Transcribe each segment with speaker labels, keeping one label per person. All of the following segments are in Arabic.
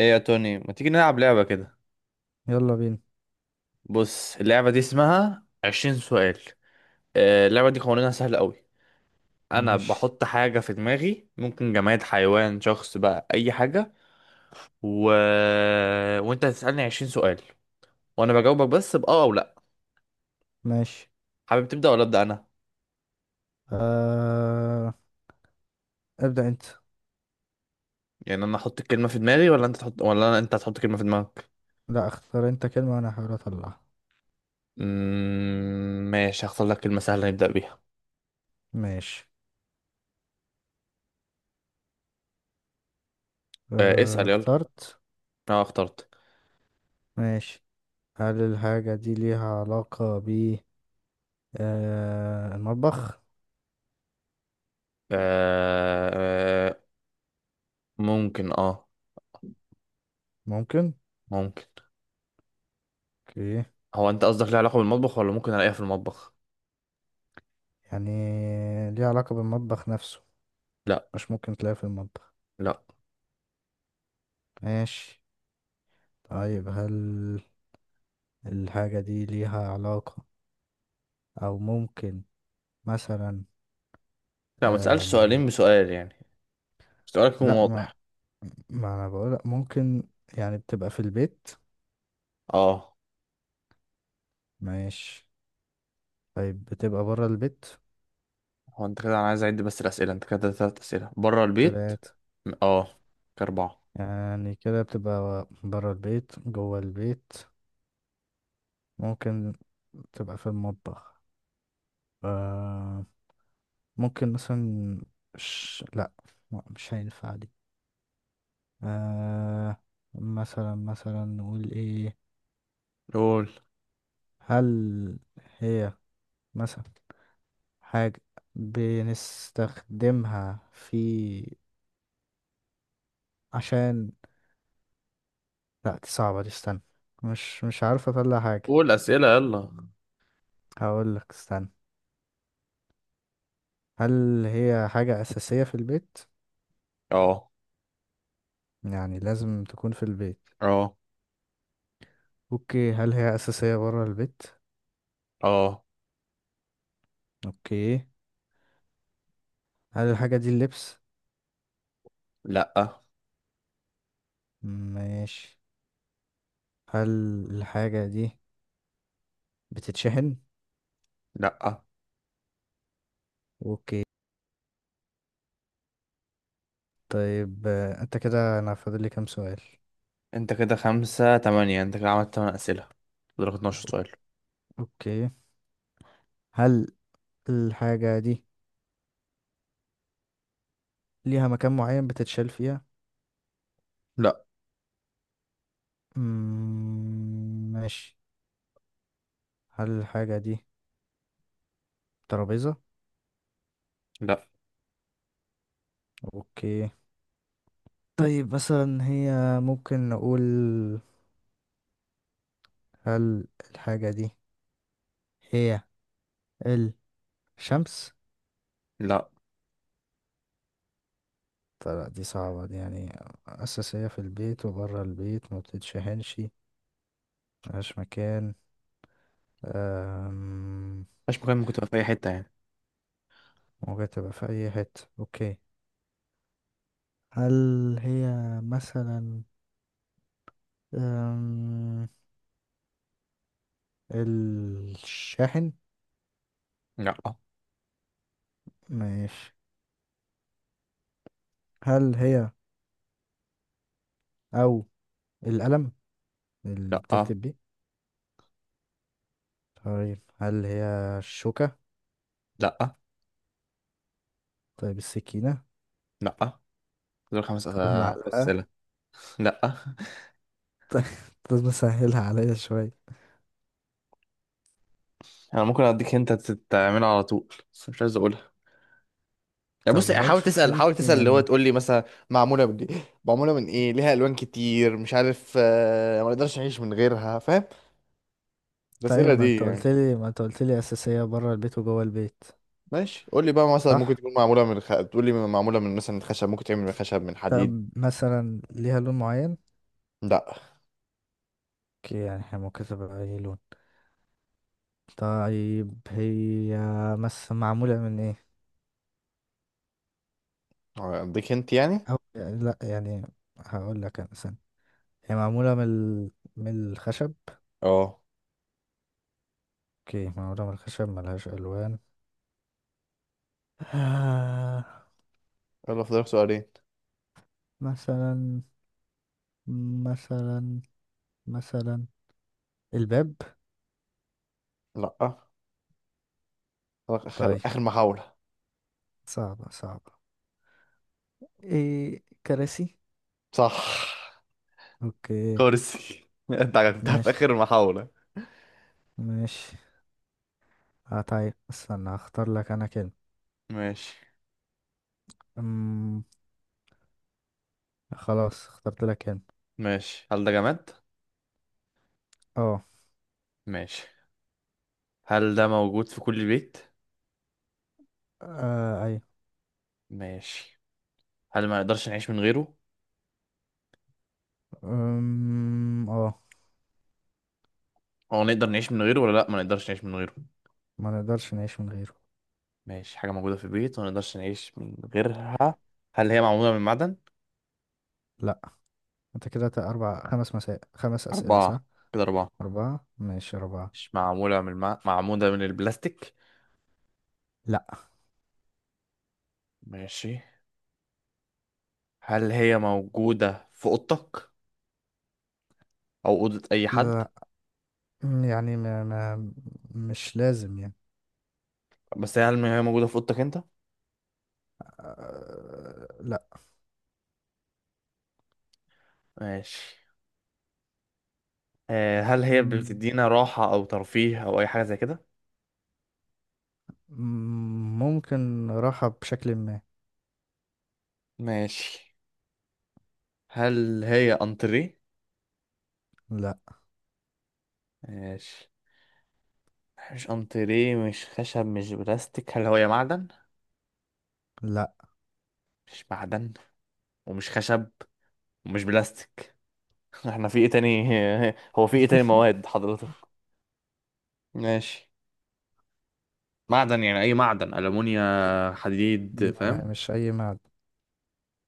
Speaker 1: ايه يا توني، ما تيجي نلعب لعبة كده؟
Speaker 2: يلا بينا.
Speaker 1: بص، اللعبة دي اسمها عشرين سؤال. آه، اللعبة دي قوانينها سهلة قوي. انا
Speaker 2: ماشي.
Speaker 1: بحط حاجة في دماغي، ممكن جماد، حيوان، شخص، بقى اي حاجة. و... وانت هتسألني عشرين سؤال وانا بجاوبك بس بأه او لا.
Speaker 2: ماشي.
Speaker 1: حابب تبدأ ولا أبدأ انا؟
Speaker 2: آه... ابدأ انت.
Speaker 1: يعني انا احط الكلمة في دماغي ولا انت تحط، انت هتحط كلمة في دماغك.
Speaker 2: لا، اختار انت كلمة وانا هحاول اطلعها.
Speaker 1: ماشي، هختار لك كلمة سهلة نبدأ بيها.
Speaker 2: ماشي.
Speaker 1: آه، اسأل يلا.
Speaker 2: اخترت.
Speaker 1: انا اخترت.
Speaker 2: ماشي. هل الحاجة دي ليها علاقة ب المطبخ؟
Speaker 1: آه... آه، ممكن اه.
Speaker 2: ممكن.
Speaker 1: ممكن.
Speaker 2: اوكي.
Speaker 1: هو انت قصدك ليه علاقة بالمطبخ ولا ممكن الاقيها في المطبخ؟
Speaker 2: يعني ليها علاقة بالمطبخ نفسه؟
Speaker 1: لا.
Speaker 2: مش ممكن تلاقيها في المطبخ؟
Speaker 1: لا.
Speaker 2: ماشي. طيب، هل الحاجة دي ليها علاقة، او ممكن مثلا
Speaker 1: لا، ما تسألش
Speaker 2: آم...
Speaker 1: سؤالين بسؤال يعني، سؤالك يكون
Speaker 2: لا. ما
Speaker 1: واضح.
Speaker 2: ما انا بقول لك ممكن، يعني بتبقى في البيت.
Speaker 1: اه.
Speaker 2: ماشي. طيب، بتبقى بره البيت؟
Speaker 1: هو انت كده انا عايز اعد بس الأسئلة، انت كده تلات أسئلة بره البيت.
Speaker 2: تلاتة.
Speaker 1: اه، كأربعة.
Speaker 2: يعني كده بتبقى بره البيت، جوه البيت، ممكن تبقى في المطبخ. آه، ممكن مثلا لا، لا، مش هينفع دي. آه، مثلا مثلا نقول ايه؟
Speaker 1: قول
Speaker 2: هل هي مثلا حاجة بنستخدمها في عشان، لا دي صعبة دي، استنى. مش عارف اطلع حاجة.
Speaker 1: قول أسئلة يلا.
Speaker 2: هقول لك استنى. هل هي حاجة أساسية في البيت؟
Speaker 1: اه.
Speaker 2: يعني لازم تكون في البيت.
Speaker 1: اه.
Speaker 2: اوكي، هل هي أساسية برا البيت؟
Speaker 1: اه.
Speaker 2: اوكي. هل الحاجة دي اللبس؟
Speaker 1: لا.
Speaker 2: ماشي. هل الحاجة دي بتتشحن؟
Speaker 1: لا.
Speaker 2: اوكي. طيب انت كده انا فاضل لي كام سؤال؟
Speaker 1: انت كده خمسة تمانية، انت كده عملت تمن أسئلة، فاضلك 12 سؤال.
Speaker 2: اوكي. هل الحاجة دي ليها مكان معين بتتشال فيها؟
Speaker 1: لا.
Speaker 2: ماشي. هل الحاجة دي ترابيزة؟
Speaker 1: لا.
Speaker 2: اوكي. طيب مثلا هي ممكن نقول، هل الحاجة دي هي الشمس؟
Speaker 1: لا.
Speaker 2: طلع دي صعبة دي يعني. أساسية في البيت وبره البيت، ما بتتشحنش، ملهاش مكان. أم،
Speaker 1: مفيش مكان، ممكن تبقى في أي حتة يعني.
Speaker 2: ممكن تبقى في أي حتة. اوكي. هل هي مثلا أم، الشاحن؟
Speaker 1: لا.
Speaker 2: ماشي. هل هي، أو القلم اللي
Speaker 1: لا.
Speaker 2: بتكتب بيه؟ طيب هل هي الشوكة؟
Speaker 1: لا.
Speaker 2: طيب السكينة؟
Speaker 1: لا، دول
Speaker 2: طب المعلقة؟
Speaker 1: أسئلة. لا.
Speaker 2: طيب. لازم اسهلها عليا شوية.
Speaker 1: انا ممكن اديك انت تعملها على طول بس مش عايز اقولها. يعني بص،
Speaker 2: طب حاول
Speaker 1: حاول
Speaker 2: تشوف
Speaker 1: تسال حاول
Speaker 2: انت
Speaker 1: تسال اللي هو
Speaker 2: يعني.
Speaker 1: تقول لي مثلا معموله من ايه، معموله من ايه، ليها الوان كتير، مش عارف آه، ما اقدرش اعيش من غيرها، فاهم؟
Speaker 2: طيب،
Speaker 1: الاسئله
Speaker 2: ما
Speaker 1: دي
Speaker 2: انت قلت
Speaker 1: يعني.
Speaker 2: لي، ما انت قلت لي أساسية بره البيت وجوه البيت.
Speaker 1: ماشي، قول لي بقى مثلا ممكن
Speaker 2: صح.
Speaker 1: تكون معموله تقول لي معموله من مثلا خشب، ممكن تعمل من خشب، من حديد.
Speaker 2: طب مثلا ليها لون معين؟
Speaker 1: لا.
Speaker 2: اوكي، يعني احنا ممكن تبقى اي لون. طيب هي مثلا معمولة من ايه؟
Speaker 1: آه، اديك انت يعني.
Speaker 2: أو لا يعني. هقول لك انا سنة. هي معمولة من من الخشب.
Speaker 1: اه.
Speaker 2: اوكي، معمولة من الخشب، ملهاش ألوان. آه
Speaker 1: يلا، فاضلك سؤالين.
Speaker 2: مثلا مثلا مثلا الباب؟
Speaker 1: لا. فاضلك اخر
Speaker 2: طيب،
Speaker 1: اخر محاوله.
Speaker 2: صعبة صعبة. ايه كراسي؟
Speaker 1: صح.
Speaker 2: اوكي.
Speaker 1: كرسي. انت عرفتها في
Speaker 2: ماشي.
Speaker 1: اخر محاوله.
Speaker 2: ماشي. طيب استنى هختار لك انا كلمة.
Speaker 1: ماشي.
Speaker 2: أم... خلاص اخترت لك كلمة.
Speaker 1: ماشي. هل ده جماد؟
Speaker 2: اه.
Speaker 1: ماشي. هل ده موجود في كل بيت؟
Speaker 2: آه، ايوه.
Speaker 1: ماشي. هل ما نقدرش نعيش من غيره؟
Speaker 2: اه.
Speaker 1: هو نقدر نعيش من غيره ولا لا، ما نقدرش نعيش من غيره؟
Speaker 2: ما نقدرش نعيش من غيره.
Speaker 1: ماشي، حاجة موجودة في البيت وما نقدرش نعيش من غيرها. هل هي معمولة من معدن؟
Speaker 2: لا. انت كده اربع خمس مسائل، خمس اسئلة،
Speaker 1: أربعة.
Speaker 2: صح؟
Speaker 1: كده أربعة.
Speaker 2: اربعة، ماشي اربعة.
Speaker 1: مش معمولة معمولة من البلاستيك؟
Speaker 2: لا.
Speaker 1: ماشي. هل هي موجودة في أوضتك أو أوضة أي حد؟
Speaker 2: لا، يعني ما... ما... مش لازم يعني.
Speaker 1: بس هل هي موجودة في أوضتك أنت؟
Speaker 2: آه، لا.
Speaker 1: ماشي. آه، هل هي
Speaker 2: أمم.
Speaker 1: بتدينا راحة أو ترفيه أو أي حاجة زي كده؟
Speaker 2: ممكن راحة بشكل ما.
Speaker 1: ماشي. هل هي أنتريه؟
Speaker 2: لا.
Speaker 1: ماشي. مش انتريه، مش خشب، مش بلاستيك، هل هو يا معدن؟
Speaker 2: لا.
Speaker 1: مش معدن، ومش خشب، ومش بلاستيك. احنا في ايه تاني؟ هو في ايه تاني مواد حضرتك؟ ماشي. معدن يعني اي معدن، الومنيا، حديد،
Speaker 2: لا،
Speaker 1: فاهم؟
Speaker 2: مش أي معدن.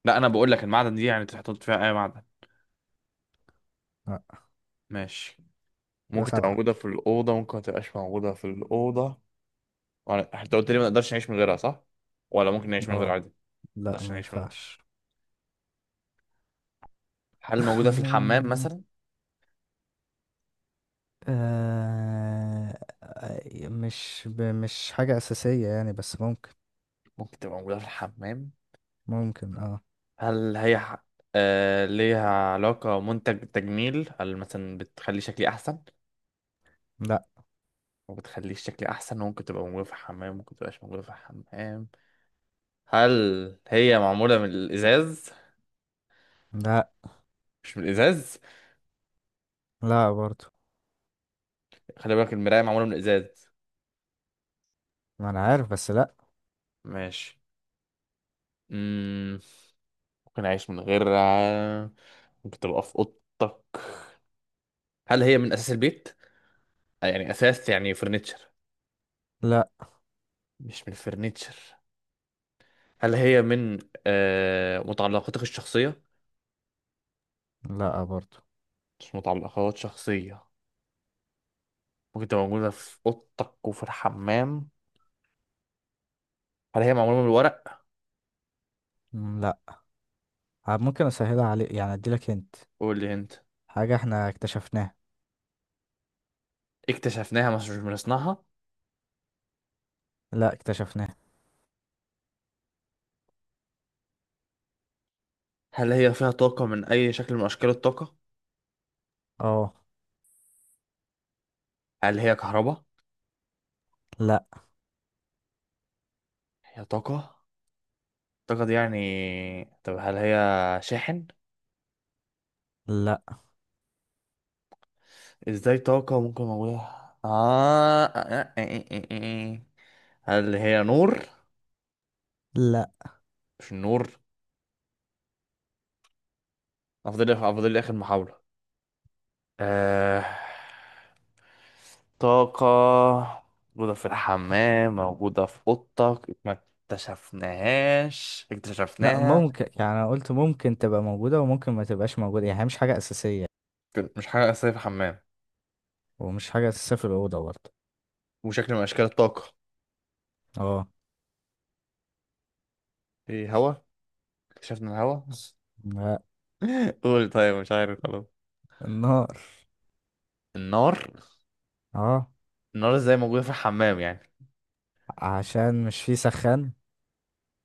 Speaker 1: لا، انا بقول لك المعدن دي يعني تحط فيها اي معدن.
Speaker 2: لا.
Speaker 1: ماشي.
Speaker 2: كده
Speaker 1: ممكن تبقى
Speaker 2: سبعة.
Speaker 1: موجوده في الاوضه، ممكن ما تبقاش موجوده في الاوضه؟ ولا انت قلت لي ما نقدرش نعيش من غيرها، صح؟ ولا ممكن نعيش من غيرها
Speaker 2: اه.
Speaker 1: عادي؟ ما
Speaker 2: لا
Speaker 1: نقدرش
Speaker 2: ما
Speaker 1: نعيش من غيرها.
Speaker 2: ينفعش.
Speaker 1: هل موجوده في الحمام
Speaker 2: مم،
Speaker 1: مثلا؟
Speaker 2: آه... آه، مش حاجة أساسية يعني، بس ممكن.
Speaker 1: ممكن تبقى موجوده في الحمام.
Speaker 2: ممكن اه.
Speaker 1: هل هي ح- آه، ليها علاقة منتج تجميل، هل مثلا بتخلي شكلي أحسن؟
Speaker 2: لا.
Speaker 1: وبتخلي شكلي أحسن، وممكن تبقى موجودة في الحمام، وممكن تبقاش موجودة في الحمام. هل هي معمولة من الإزاز؟
Speaker 2: لا،
Speaker 1: مش من الإزاز؟
Speaker 2: لا برضو.
Speaker 1: خلي بالك، المراية معمولة من الإزاز.
Speaker 2: ما أنا عارف بس لا.
Speaker 1: ماشي. مم. ممكن أعيش من غيرها، ممكن تبقى في أوضتك. هل هي من أساس البيت؟ آه، يعني أساس يعني فرنتشر.
Speaker 2: لا،
Speaker 1: مش من فرنتشر. هل هي من آه متعلقاتك الشخصية؟
Speaker 2: لا برضو.
Speaker 1: مش متعلقات شخصية. ممكن تبقى موجودة في أوضتك وفي الحمام. هل هي معمولة من الورق؟
Speaker 2: مم، لا. ممكن أسهلها عليك يعني، أديلك انت.
Speaker 1: قول لي أنت.
Speaker 2: حاجة احنا اكتشفناها.
Speaker 1: اكتشفناها، مش مش من صنعها.
Speaker 2: لا، اكتشفناها.
Speaker 1: هل هي فيها طاقة من أي شكل من أشكال الطاقة؟
Speaker 2: اه.
Speaker 1: هل هي كهرباء؟
Speaker 2: لا.
Speaker 1: هي طاقة؟ الطاقة دي يعني. طب هل هي شاحن؟
Speaker 2: لا.
Speaker 1: إزاي طاقة ممكن موجودة؟ آه آه، آه، آه، آه، آه. هل هي نور؟
Speaker 2: لا.
Speaker 1: مش النور. أفضل لي آخر محاولة. آه... طاقة موجودة في الحمام، موجودة في أوضتك، ما اكتشفناهاش
Speaker 2: لا،
Speaker 1: اكتشفناها.
Speaker 2: ممكن يعني، انا قلت ممكن تبقى موجودة وممكن ما تبقاش موجودة، يعني هي مش حاجة أساسية.
Speaker 1: مش حاجة أساسية في الحمام،
Speaker 2: ومش حاجة أساسية في الأوضة برضه.
Speaker 1: وشكل من أشكال الطاقة.
Speaker 2: اه.
Speaker 1: ايه، هوا؟ اكتشفنا الهوا.
Speaker 2: لا.
Speaker 1: قول، طيب مش عارف خلاص.
Speaker 2: النار.
Speaker 1: النار.
Speaker 2: اه.
Speaker 1: النار ازاي موجودة في الحمام يعني؟
Speaker 2: عشان مش في سخان.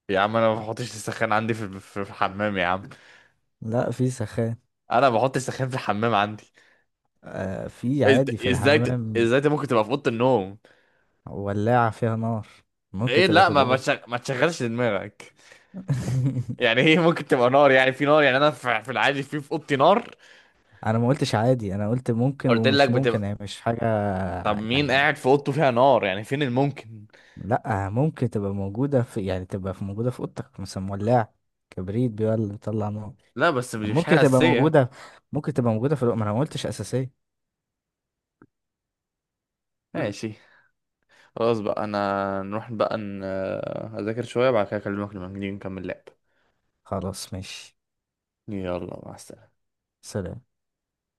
Speaker 1: يا عم، انا ما بحطش السخان عندي في الحمام يا عم.
Speaker 2: لا في سخان.
Speaker 1: انا ما بحطش السخان في الحمام عندي.
Speaker 2: في عادي في الحمام.
Speaker 1: ممكن تبقى في اوضه النوم.
Speaker 2: ولاعة فيها نار. ممكن
Speaker 1: ايه،
Speaker 2: تبقى
Speaker 1: لا،
Speaker 2: في الأوضة.
Speaker 1: ما تشغلش دماغك. يعني هي ممكن تبقى نار؟ يعني في نار يعني انا في العادي في اوضتي نار؟
Speaker 2: أنا ما قلتش عادي، أنا قلت ممكن
Speaker 1: قلت لك
Speaker 2: ومش ممكن،
Speaker 1: بتبقى.
Speaker 2: هي مش حاجة
Speaker 1: طب مين
Speaker 2: يعني.
Speaker 1: قاعد في اوضته فيها نار يعني؟ فين الممكن؟
Speaker 2: لا، ممكن تبقى موجودة في، يعني تبقى في، موجودة في أوضتك مثلا، ولاعة، كبريت بيولع بيطلع نار،
Speaker 1: لا بس مش
Speaker 2: يعني
Speaker 1: مش
Speaker 2: ممكن
Speaker 1: حاجه
Speaker 2: تبقى
Speaker 1: اساسيه يعني.
Speaker 2: موجودة. ممكن تبقى موجودة في الوقت، ما انا ما قلتش أساسية.
Speaker 1: ماشي. خلاص بقى، انا نروح بقى اذاكر شويه، بعد كده اكلمك لما نيجي نكمل لعب.
Speaker 2: خلاص ماشي.
Speaker 1: يلا، مع السلامه.
Speaker 2: سلام.